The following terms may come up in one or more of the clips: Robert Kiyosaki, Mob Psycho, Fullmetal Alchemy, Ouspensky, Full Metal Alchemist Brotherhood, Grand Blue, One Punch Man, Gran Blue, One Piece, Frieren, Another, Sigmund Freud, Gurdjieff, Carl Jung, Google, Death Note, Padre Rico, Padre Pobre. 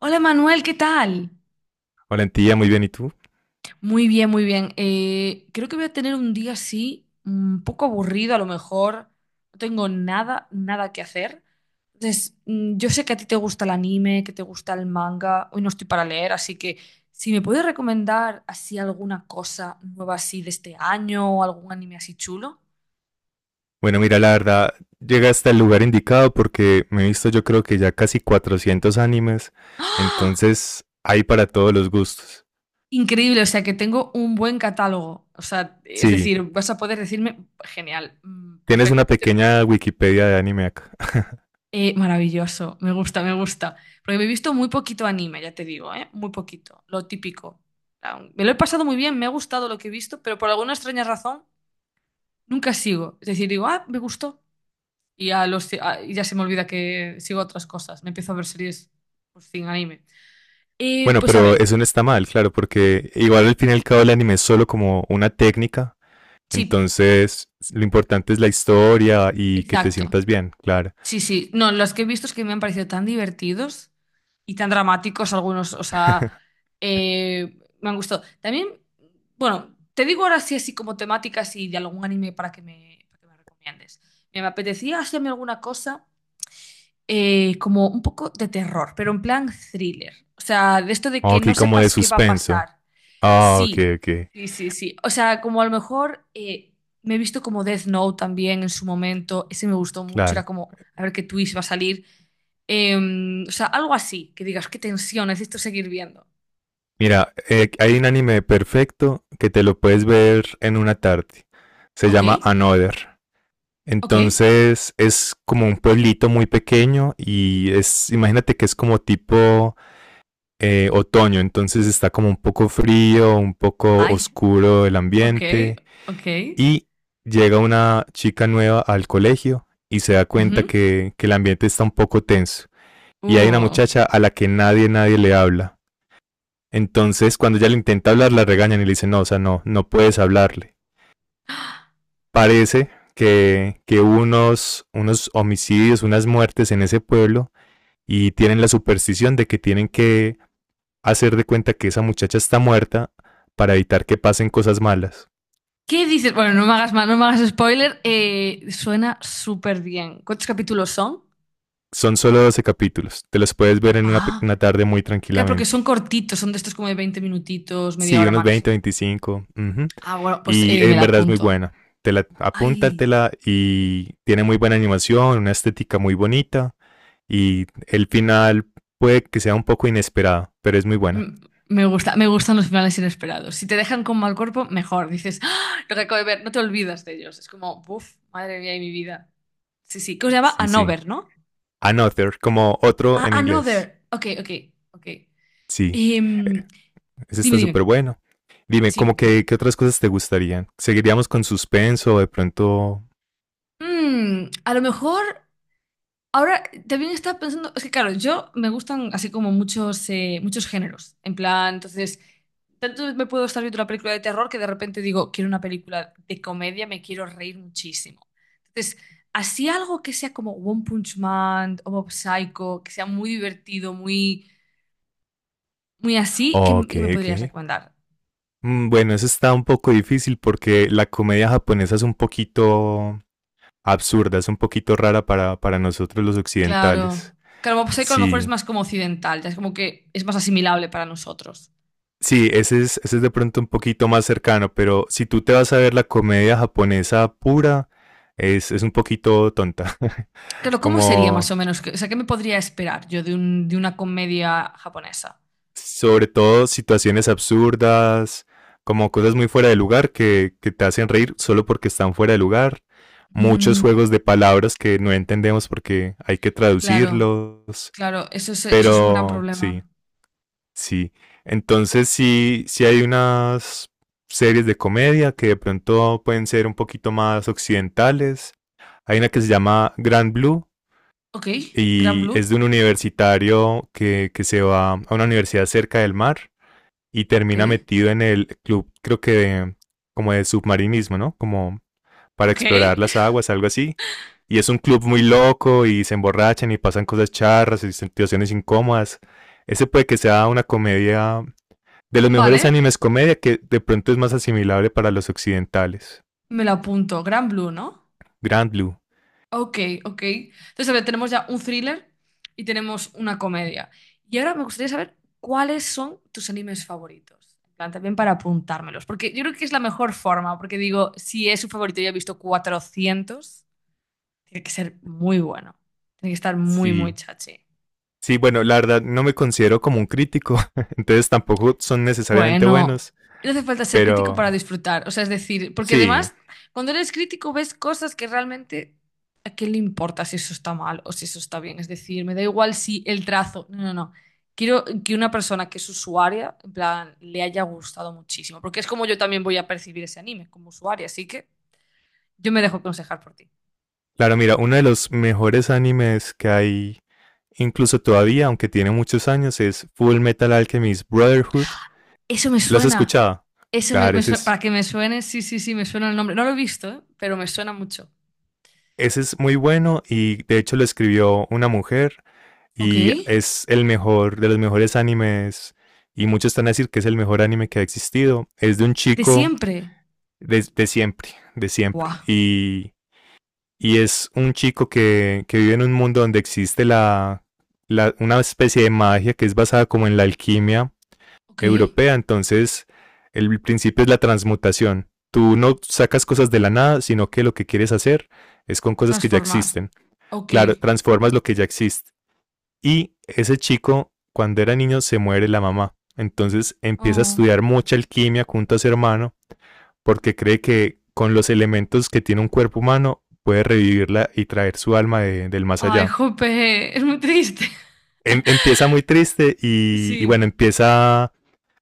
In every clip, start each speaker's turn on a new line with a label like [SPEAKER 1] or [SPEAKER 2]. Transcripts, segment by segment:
[SPEAKER 1] Hola Manuel, ¿qué tal?
[SPEAKER 2] Valentía, muy bien, ¿y tú?
[SPEAKER 1] Muy bien, muy bien. Creo que voy a tener un día así, un poco aburrido a lo mejor. No tengo nada que hacer. Entonces, yo sé que a ti te gusta el anime, que te gusta el manga. Hoy no estoy para leer, así que si me puedes recomendar así alguna cosa nueva así de este año o algún anime así chulo.
[SPEAKER 2] Bueno, mira, la verdad, llega hasta el lugar indicado porque me he visto yo creo que ya casi 400 animes,
[SPEAKER 1] ¡Ah!
[SPEAKER 2] entonces hay para todos los gustos.
[SPEAKER 1] Increíble, o sea que tengo un buen catálogo. O sea, es
[SPEAKER 2] Sí,
[SPEAKER 1] decir, vas a poder decirme, genial,
[SPEAKER 2] tienes una
[SPEAKER 1] perfecto. Pues te,
[SPEAKER 2] pequeña Wikipedia de anime acá.
[SPEAKER 1] Maravilloso, me gusta, me gusta. Porque me he visto muy poquito anime, ya te digo, ¿eh? Muy poquito, lo típico. Me lo he pasado muy bien, me ha gustado lo que he visto, pero por alguna extraña razón nunca sigo. Es decir, digo, ah, me gustó. Y ya se me olvida que sigo otras cosas. Me empiezo a ver series pues, sin anime. Eh,
[SPEAKER 2] Bueno,
[SPEAKER 1] pues a
[SPEAKER 2] pero
[SPEAKER 1] ver,
[SPEAKER 2] eso no está mal, claro, porque igual al fin y al cabo el anime es solo como una técnica,
[SPEAKER 1] sí,
[SPEAKER 2] entonces lo importante es la historia y que te
[SPEAKER 1] exacto.
[SPEAKER 2] sientas bien, claro.
[SPEAKER 1] Sí, sí. No, los que he visto es que me han parecido tan divertidos y tan dramáticos algunos. O sea, me han gustado. También, bueno, te digo ahora sí así como temáticas y de algún anime para que me recomiendes. Me apetecía hacerme alguna cosa como un poco de terror, pero en plan thriller. O sea, de esto de
[SPEAKER 2] Oh,
[SPEAKER 1] que no
[SPEAKER 2] aquí como de
[SPEAKER 1] sepas qué va a
[SPEAKER 2] suspenso.
[SPEAKER 1] pasar.
[SPEAKER 2] Ah, ok,
[SPEAKER 1] Sí,
[SPEAKER 2] ok,
[SPEAKER 1] sí, sí, sí. O sea, como a lo mejor me he visto como Death Note también en su momento. Ese me gustó mucho. Era
[SPEAKER 2] claro.
[SPEAKER 1] como, a ver qué twist va a salir. O sea, algo así, que digas, qué tensión, necesito seguir viendo.
[SPEAKER 2] Mira, hay un anime perfecto que te lo puedes ver en una tarde. Se
[SPEAKER 1] Ok,
[SPEAKER 2] llama Another.
[SPEAKER 1] ok.
[SPEAKER 2] Entonces es como un pueblito muy pequeño y es, imagínate que es como tipo otoño, entonces está como un poco frío, un poco
[SPEAKER 1] Ay,
[SPEAKER 2] oscuro el
[SPEAKER 1] ok,
[SPEAKER 2] ambiente
[SPEAKER 1] ok.
[SPEAKER 2] y llega una chica nueva al colegio y se da cuenta
[SPEAKER 1] Ujú.
[SPEAKER 2] que el ambiente está un poco tenso y hay una
[SPEAKER 1] Uh.
[SPEAKER 2] muchacha a la que nadie le habla entonces, cuando ella le intenta hablar, la regañan y le dicen, no, o sea, no puedes hablarle. Parece que hubo unos homicidios, unas muertes en ese pueblo y tienen la superstición de que tienen que hacer de cuenta que esa muchacha está muerta para evitar que pasen cosas malas.
[SPEAKER 1] ¿Qué dices? Bueno, no me hagas más, no me hagas spoiler. Suena súper bien. ¿Cuántos capítulos son?
[SPEAKER 2] Son solo 12 capítulos, te los puedes ver en una,
[SPEAKER 1] Ah,
[SPEAKER 2] una tarde muy
[SPEAKER 1] claro, porque son
[SPEAKER 2] tranquilamente.
[SPEAKER 1] cortitos, son de estos como de 20 minutitos, media
[SPEAKER 2] Sí,
[SPEAKER 1] hora
[SPEAKER 2] unos 20,
[SPEAKER 1] máximo.
[SPEAKER 2] 25. Ujú.
[SPEAKER 1] Bueno, pues
[SPEAKER 2] Y
[SPEAKER 1] me
[SPEAKER 2] en
[SPEAKER 1] la
[SPEAKER 2] verdad es muy
[SPEAKER 1] apunto.
[SPEAKER 2] buena.
[SPEAKER 1] Ay,
[SPEAKER 2] Apúntatela y tiene muy buena animación, una estética muy bonita. Y el final puede que sea un poco inesperado, pero es muy buena.
[SPEAKER 1] m- me gusta, me gustan los finales inesperados. Si te dejan con mal cuerpo, mejor. Dices, ¡ah! Lo que acabo de ver, no te olvidas de ellos. Es como, buf, madre mía y mi vida. Sí, sí, que se llama
[SPEAKER 2] Sí, sí.
[SPEAKER 1] Another, ¿no?
[SPEAKER 2] Another, como otro en inglés.
[SPEAKER 1] Another. Ok, ok, ok.
[SPEAKER 2] Sí. Eh,
[SPEAKER 1] Em,
[SPEAKER 2] Ese
[SPEAKER 1] dime,
[SPEAKER 2] está súper
[SPEAKER 1] dime.
[SPEAKER 2] bueno. Dime, ¿cómo
[SPEAKER 1] Sí.
[SPEAKER 2] que, qué otras cosas te gustarían? ¿Seguiríamos con suspenso o de pronto?
[SPEAKER 1] A lo mejor. Ahora también estaba pensando, es que claro, yo me gustan así como muchos, muchos géneros. En plan, entonces, tanto me puedo estar viendo una película de terror que de repente digo, quiero una película de comedia, me quiero reír muchísimo. Entonces, así algo que sea como One Punch Man o Mob Psycho, que sea muy divertido, muy, muy así, ¿qué, m-
[SPEAKER 2] Ok,
[SPEAKER 1] qué me
[SPEAKER 2] ok.
[SPEAKER 1] podrías recomendar?
[SPEAKER 2] Bueno, eso está un poco difícil porque la comedia japonesa es un poquito absurda, es un poquito rara para nosotros los
[SPEAKER 1] Claro.
[SPEAKER 2] occidentales.
[SPEAKER 1] Claro, Mob Psycho a lo mejor es
[SPEAKER 2] Sí,
[SPEAKER 1] más como occidental, ya es como que es más asimilable para nosotros.
[SPEAKER 2] sí, ese es de pronto un poquito más cercano, pero si tú te vas a ver la comedia japonesa pura, es un poquito tonta.
[SPEAKER 1] Claro, ¿cómo sería más
[SPEAKER 2] Como
[SPEAKER 1] o menos? O sea, ¿qué me podría esperar yo de una comedia japonesa?
[SPEAKER 2] sobre todo situaciones absurdas, como cosas muy fuera de lugar que te hacen reír solo porque están fuera de lugar. Muchos
[SPEAKER 1] Mm,
[SPEAKER 2] juegos de palabras que no entendemos porque hay que
[SPEAKER 1] claro,
[SPEAKER 2] traducirlos.
[SPEAKER 1] claro, eso es un gran
[SPEAKER 2] Pero sí,
[SPEAKER 1] problema.
[SPEAKER 2] sí, entonces sí, sí hay unas series de comedia que de pronto pueden ser un poquito más occidentales. Hay una que se llama Grand Blue
[SPEAKER 1] Ok, Gran
[SPEAKER 2] y
[SPEAKER 1] Blue,
[SPEAKER 2] es de un universitario que se va a una universidad cerca del mar y
[SPEAKER 1] ok,
[SPEAKER 2] termina metido en el club, creo que como de submarinismo, ¿no? Como para
[SPEAKER 1] ok.
[SPEAKER 2] explorar las aguas, algo así. Y es un club muy loco y se emborrachan y pasan cosas charras y situaciones incómodas. Ese puede que sea una comedia de los
[SPEAKER 1] Vale,
[SPEAKER 2] mejores animes comedia que de pronto es más asimilable para los occidentales.
[SPEAKER 1] me la apunto, Gran Blue, ¿no?
[SPEAKER 2] Grand Blue.
[SPEAKER 1] Ok, ok. Entonces, a ver, tenemos ya un thriller y tenemos una comedia. Y ahora me gustaría saber cuáles son tus animes favoritos. En plan, también para apuntármelos, porque yo creo que es la mejor forma, porque digo, si es un favorito, ya he visto 400. Tiene que ser muy bueno. Tiene que estar muy, muy
[SPEAKER 2] Sí.
[SPEAKER 1] chachi.
[SPEAKER 2] Sí, bueno, la verdad no me considero como un crítico, entonces tampoco son necesariamente
[SPEAKER 1] Bueno,
[SPEAKER 2] buenos,
[SPEAKER 1] no hace falta ser crítico
[SPEAKER 2] pero
[SPEAKER 1] para disfrutar. O sea, es decir, porque
[SPEAKER 2] sí.
[SPEAKER 1] además, cuando eres crítico ves cosas que realmente a qué le importa si eso está mal o si eso está bien. Es decir, me da igual si el trazo. No, no, no. Quiero que una persona que es usuaria, en plan, le haya gustado muchísimo. Porque es como yo también voy a percibir ese anime como usuaria. Así que yo me dejo aconsejar por ti.
[SPEAKER 2] Claro, mira, uno de los mejores animes que hay, incluso todavía, aunque tiene muchos años, es Full Metal Alchemist Brotherhood.
[SPEAKER 1] Eso me
[SPEAKER 2] ¿Lo has
[SPEAKER 1] suena.
[SPEAKER 2] escuchado?
[SPEAKER 1] Eso me,
[SPEAKER 2] Claro,
[SPEAKER 1] me suena. Para que me suene, sí, sí, sí, me suena el nombre. No lo he visto, ¿eh? Pero me suena mucho.
[SPEAKER 2] ese es muy bueno y de hecho lo escribió una mujer
[SPEAKER 1] Ok.
[SPEAKER 2] y es el mejor de los mejores animes y muchos están a decir que es el mejor anime que ha existido. Es de un
[SPEAKER 1] De
[SPEAKER 2] chico
[SPEAKER 1] siempre.
[SPEAKER 2] de siempre, de siempre.
[SPEAKER 1] Buah.
[SPEAKER 2] Y es un chico que vive en un mundo donde existe una especie de magia que es basada como en la alquimia
[SPEAKER 1] Ok.
[SPEAKER 2] europea. Entonces, el principio es la transmutación. Tú no sacas cosas de la nada, sino que lo que quieres hacer es con cosas que ya
[SPEAKER 1] Transformar.
[SPEAKER 2] existen.
[SPEAKER 1] Ok.
[SPEAKER 2] Claro, transformas lo que ya existe. Y ese chico, cuando era niño, se muere la mamá. Entonces empieza a
[SPEAKER 1] Oh.
[SPEAKER 2] estudiar mucha alquimia junto a su hermano porque cree que con los elementos que tiene un cuerpo humano puede revivirla y traer su alma del más
[SPEAKER 1] Ay,
[SPEAKER 2] allá.
[SPEAKER 1] jope. Es muy triste.
[SPEAKER 2] Empieza muy triste y,
[SPEAKER 1] Sí.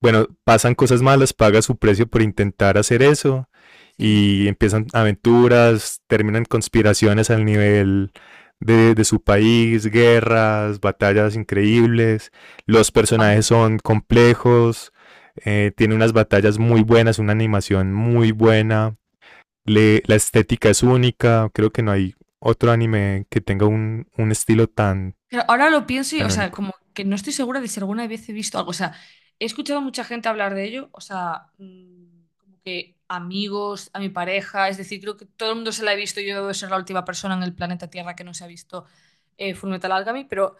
[SPEAKER 2] bueno, pasan cosas malas, paga su precio por intentar hacer eso
[SPEAKER 1] Sí.
[SPEAKER 2] y empiezan aventuras, terminan conspiraciones al nivel su país, guerras, batallas increíbles. Los
[SPEAKER 1] Buah.
[SPEAKER 2] personajes son complejos, tiene unas batallas muy buenas, una animación muy buena. La estética es única, creo que no hay otro anime que tenga un estilo tan,
[SPEAKER 1] Pero ahora lo pienso y, o
[SPEAKER 2] tan
[SPEAKER 1] sea,
[SPEAKER 2] único.
[SPEAKER 1] como que no estoy segura de si alguna vez he visto algo. O sea, he escuchado a mucha gente hablar de ello, o sea, como que amigos, a mi pareja, es decir, creo que todo el mundo se la ha visto. Yo debo de ser la última persona en el planeta Tierra que no se ha visto Fullmetal Alchemy, pero,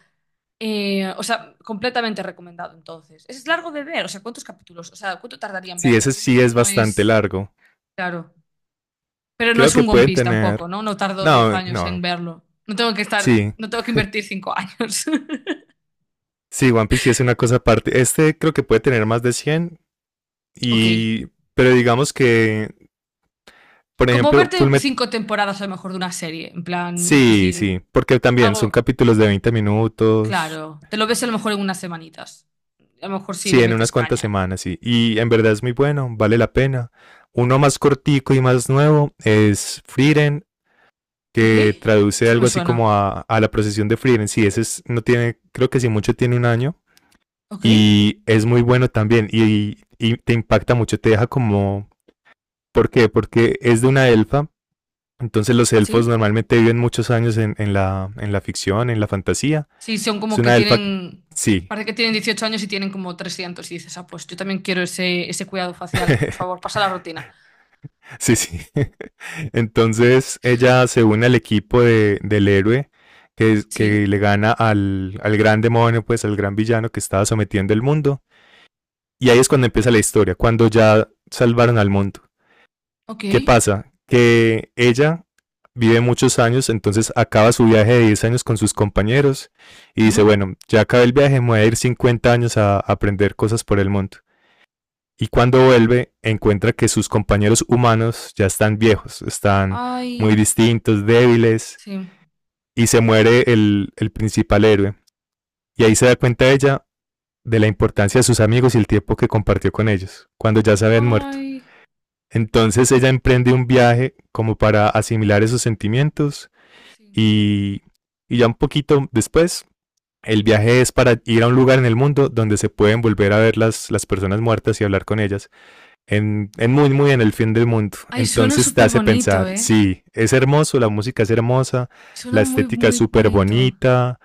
[SPEAKER 1] o sea, completamente recomendado entonces. Es largo de ver, o sea, ¿cuántos capítulos? O sea, ¿cuánto tardaría en
[SPEAKER 2] Sí,
[SPEAKER 1] verlo?
[SPEAKER 2] ese sí
[SPEAKER 1] Entiendo que
[SPEAKER 2] es
[SPEAKER 1] no
[SPEAKER 2] bastante
[SPEAKER 1] es,
[SPEAKER 2] largo.
[SPEAKER 1] claro, pero no
[SPEAKER 2] Creo
[SPEAKER 1] es
[SPEAKER 2] que
[SPEAKER 1] un One
[SPEAKER 2] pueden
[SPEAKER 1] Piece tampoco,
[SPEAKER 2] tener.
[SPEAKER 1] ¿no? No tardo 10
[SPEAKER 2] No,
[SPEAKER 1] años
[SPEAKER 2] no,
[SPEAKER 1] en verlo. No tengo que estar,
[SPEAKER 2] sí,
[SPEAKER 1] no tengo que invertir 5 años.
[SPEAKER 2] sí, One Piece sí es una cosa aparte. Este creo que puede tener más de 100
[SPEAKER 1] Ok.
[SPEAKER 2] y... Pero digamos que, por
[SPEAKER 1] Como
[SPEAKER 2] ejemplo,
[SPEAKER 1] verte
[SPEAKER 2] Fullmet...
[SPEAKER 1] 5 temporadas a lo mejor de una serie, en plan, es
[SPEAKER 2] Sí,
[SPEAKER 1] decir,
[SPEAKER 2] sí, porque también son
[SPEAKER 1] algo
[SPEAKER 2] capítulos de 20 minutos,
[SPEAKER 1] claro, te lo ves a lo mejor en unas semanitas, a lo mejor si
[SPEAKER 2] sí,
[SPEAKER 1] le
[SPEAKER 2] en
[SPEAKER 1] metes
[SPEAKER 2] unas cuantas
[SPEAKER 1] caña.
[SPEAKER 2] semanas, sí. Y en verdad es muy bueno, vale la pena. Uno más cortico y más nuevo es Frieren,
[SPEAKER 1] ¿Ok?
[SPEAKER 2] que traduce
[SPEAKER 1] Eso no me
[SPEAKER 2] algo así
[SPEAKER 1] suena.
[SPEAKER 2] como a la procesión de Frieren. Sí, ese es, no tiene, creo que si mucho tiene un año.
[SPEAKER 1] ¿Ok?
[SPEAKER 2] Y es muy bueno también. Y te impacta mucho, te deja como ¿por qué? Porque es de una elfa. Entonces los elfos
[SPEAKER 1] ¿Sí?
[SPEAKER 2] normalmente viven muchos años en la ficción, en la fantasía.
[SPEAKER 1] Sí, son
[SPEAKER 2] Es
[SPEAKER 1] como que
[SPEAKER 2] una elfa,
[SPEAKER 1] tienen,
[SPEAKER 2] sí,
[SPEAKER 1] parece que tienen 18 años y tienen como 300 y dices, ah, pues yo también quiero ese, cuidado facial, por favor, pasa la rutina.
[SPEAKER 2] sí, sí. Entonces ella se une al equipo del héroe que, es-
[SPEAKER 1] Sí,
[SPEAKER 2] que le gana al gran demonio, pues al gran villano que estaba sometiendo el mundo. Y ahí es cuando empieza la historia, cuando ya salvaron al mundo.
[SPEAKER 1] ok.
[SPEAKER 2] ¿Qué pasa? Que ella vive muchos años, entonces acaba su viaje de 10 años con sus compañeros y
[SPEAKER 1] Ajá.
[SPEAKER 2] dice, bueno, ya acabé el viaje, me voy a ir 50 años a aprender cosas por el mundo. Y cuando vuelve, encuentra que sus compañeros humanos ya están viejos, están muy
[SPEAKER 1] Ay,
[SPEAKER 2] distintos, débiles,
[SPEAKER 1] sí.
[SPEAKER 2] y se muere el principal héroe. Y ahí se da cuenta ella de la importancia de sus amigos y el tiempo que compartió con ellos, cuando ya se habían muerto.
[SPEAKER 1] Ay,
[SPEAKER 2] Entonces ella emprende un viaje como para asimilar esos sentimientos.
[SPEAKER 1] sí.
[SPEAKER 2] Y, y ya un poquito después, el viaje es para ir a un lugar en el mundo donde se pueden volver a ver las personas muertas y hablar con ellas. En muy, muy en el fin del mundo.
[SPEAKER 1] Ay, suena
[SPEAKER 2] Entonces te
[SPEAKER 1] súper
[SPEAKER 2] hace
[SPEAKER 1] bonito,
[SPEAKER 2] pensar,
[SPEAKER 1] ¿eh?
[SPEAKER 2] sí, es hermoso, la música es hermosa, la
[SPEAKER 1] Suena muy,
[SPEAKER 2] estética es
[SPEAKER 1] muy
[SPEAKER 2] súper
[SPEAKER 1] bonito.
[SPEAKER 2] bonita.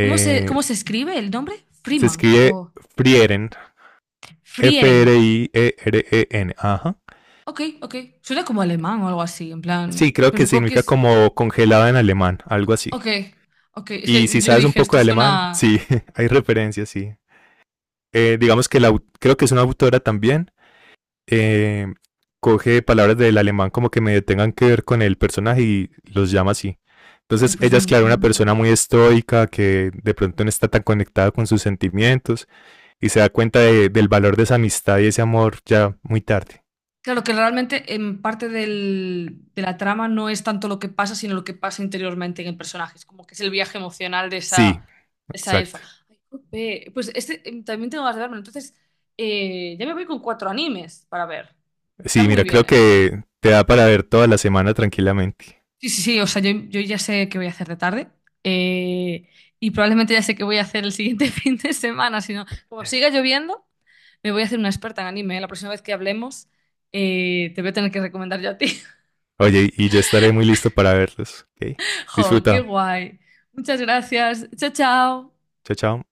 [SPEAKER 1] ¿Cómo se, cómo se escribe el nombre?
[SPEAKER 2] Se
[SPEAKER 1] Freeman
[SPEAKER 2] escribe
[SPEAKER 1] o
[SPEAKER 2] Frieren,
[SPEAKER 1] Frieren.
[SPEAKER 2] Frieren. Ajá.
[SPEAKER 1] Ok, ok. Suena como alemán o algo así, en
[SPEAKER 2] Sí,
[SPEAKER 1] plan.
[SPEAKER 2] creo
[SPEAKER 1] Pero
[SPEAKER 2] que
[SPEAKER 1] supongo que
[SPEAKER 2] significa
[SPEAKER 1] es.
[SPEAKER 2] como congelada en alemán, algo así.
[SPEAKER 1] Ok, ok. Es
[SPEAKER 2] Y
[SPEAKER 1] que
[SPEAKER 2] si
[SPEAKER 1] yo
[SPEAKER 2] sabes un
[SPEAKER 1] dije,
[SPEAKER 2] poco
[SPEAKER 1] esto
[SPEAKER 2] de alemán,
[SPEAKER 1] suena.
[SPEAKER 2] sí, hay referencias, sí. Digamos que creo que es una autora también, eh, coge palabras del alemán como que medio tengan que ver con el personaje y los llama así.
[SPEAKER 1] Ay,
[SPEAKER 2] Entonces
[SPEAKER 1] pues
[SPEAKER 2] ella
[SPEAKER 1] me
[SPEAKER 2] es claro una
[SPEAKER 1] encanta.
[SPEAKER 2] persona muy estoica que de pronto no está tan conectada con sus sentimientos y se da cuenta del valor de esa amistad y ese amor ya muy tarde.
[SPEAKER 1] Claro que realmente en parte de la trama no es tanto lo que pasa, sino lo que pasa interiormente en el personaje. Es como que es el viaje emocional de esa,
[SPEAKER 2] Sí,
[SPEAKER 1] de esa
[SPEAKER 2] exacto.
[SPEAKER 1] elfa. Ay, jope. Pues este también tengo ganas de verlo. Entonces, ya me voy con 4 animes para ver. Está
[SPEAKER 2] Sí,
[SPEAKER 1] muy
[SPEAKER 2] mira,
[SPEAKER 1] bien
[SPEAKER 2] creo
[SPEAKER 1] esto.
[SPEAKER 2] que te da para ver toda la semana tranquilamente.
[SPEAKER 1] Sí, sí, sí, o sea, yo ya sé qué voy a hacer de tarde eh, y probablemente ya sé qué voy a hacer el siguiente fin de semana, si no, como siga lloviendo, me voy a hacer una experta en anime, ¿eh? La próxima vez que hablemos te voy a tener que recomendar yo a ti.
[SPEAKER 2] Oye, y yo estaré muy listo para verlos. ¿Ok?
[SPEAKER 1] ¡Jo, qué
[SPEAKER 2] Disfruta.
[SPEAKER 1] guay! Muchas gracias. Chao, chao.
[SPEAKER 2] Chao, chao.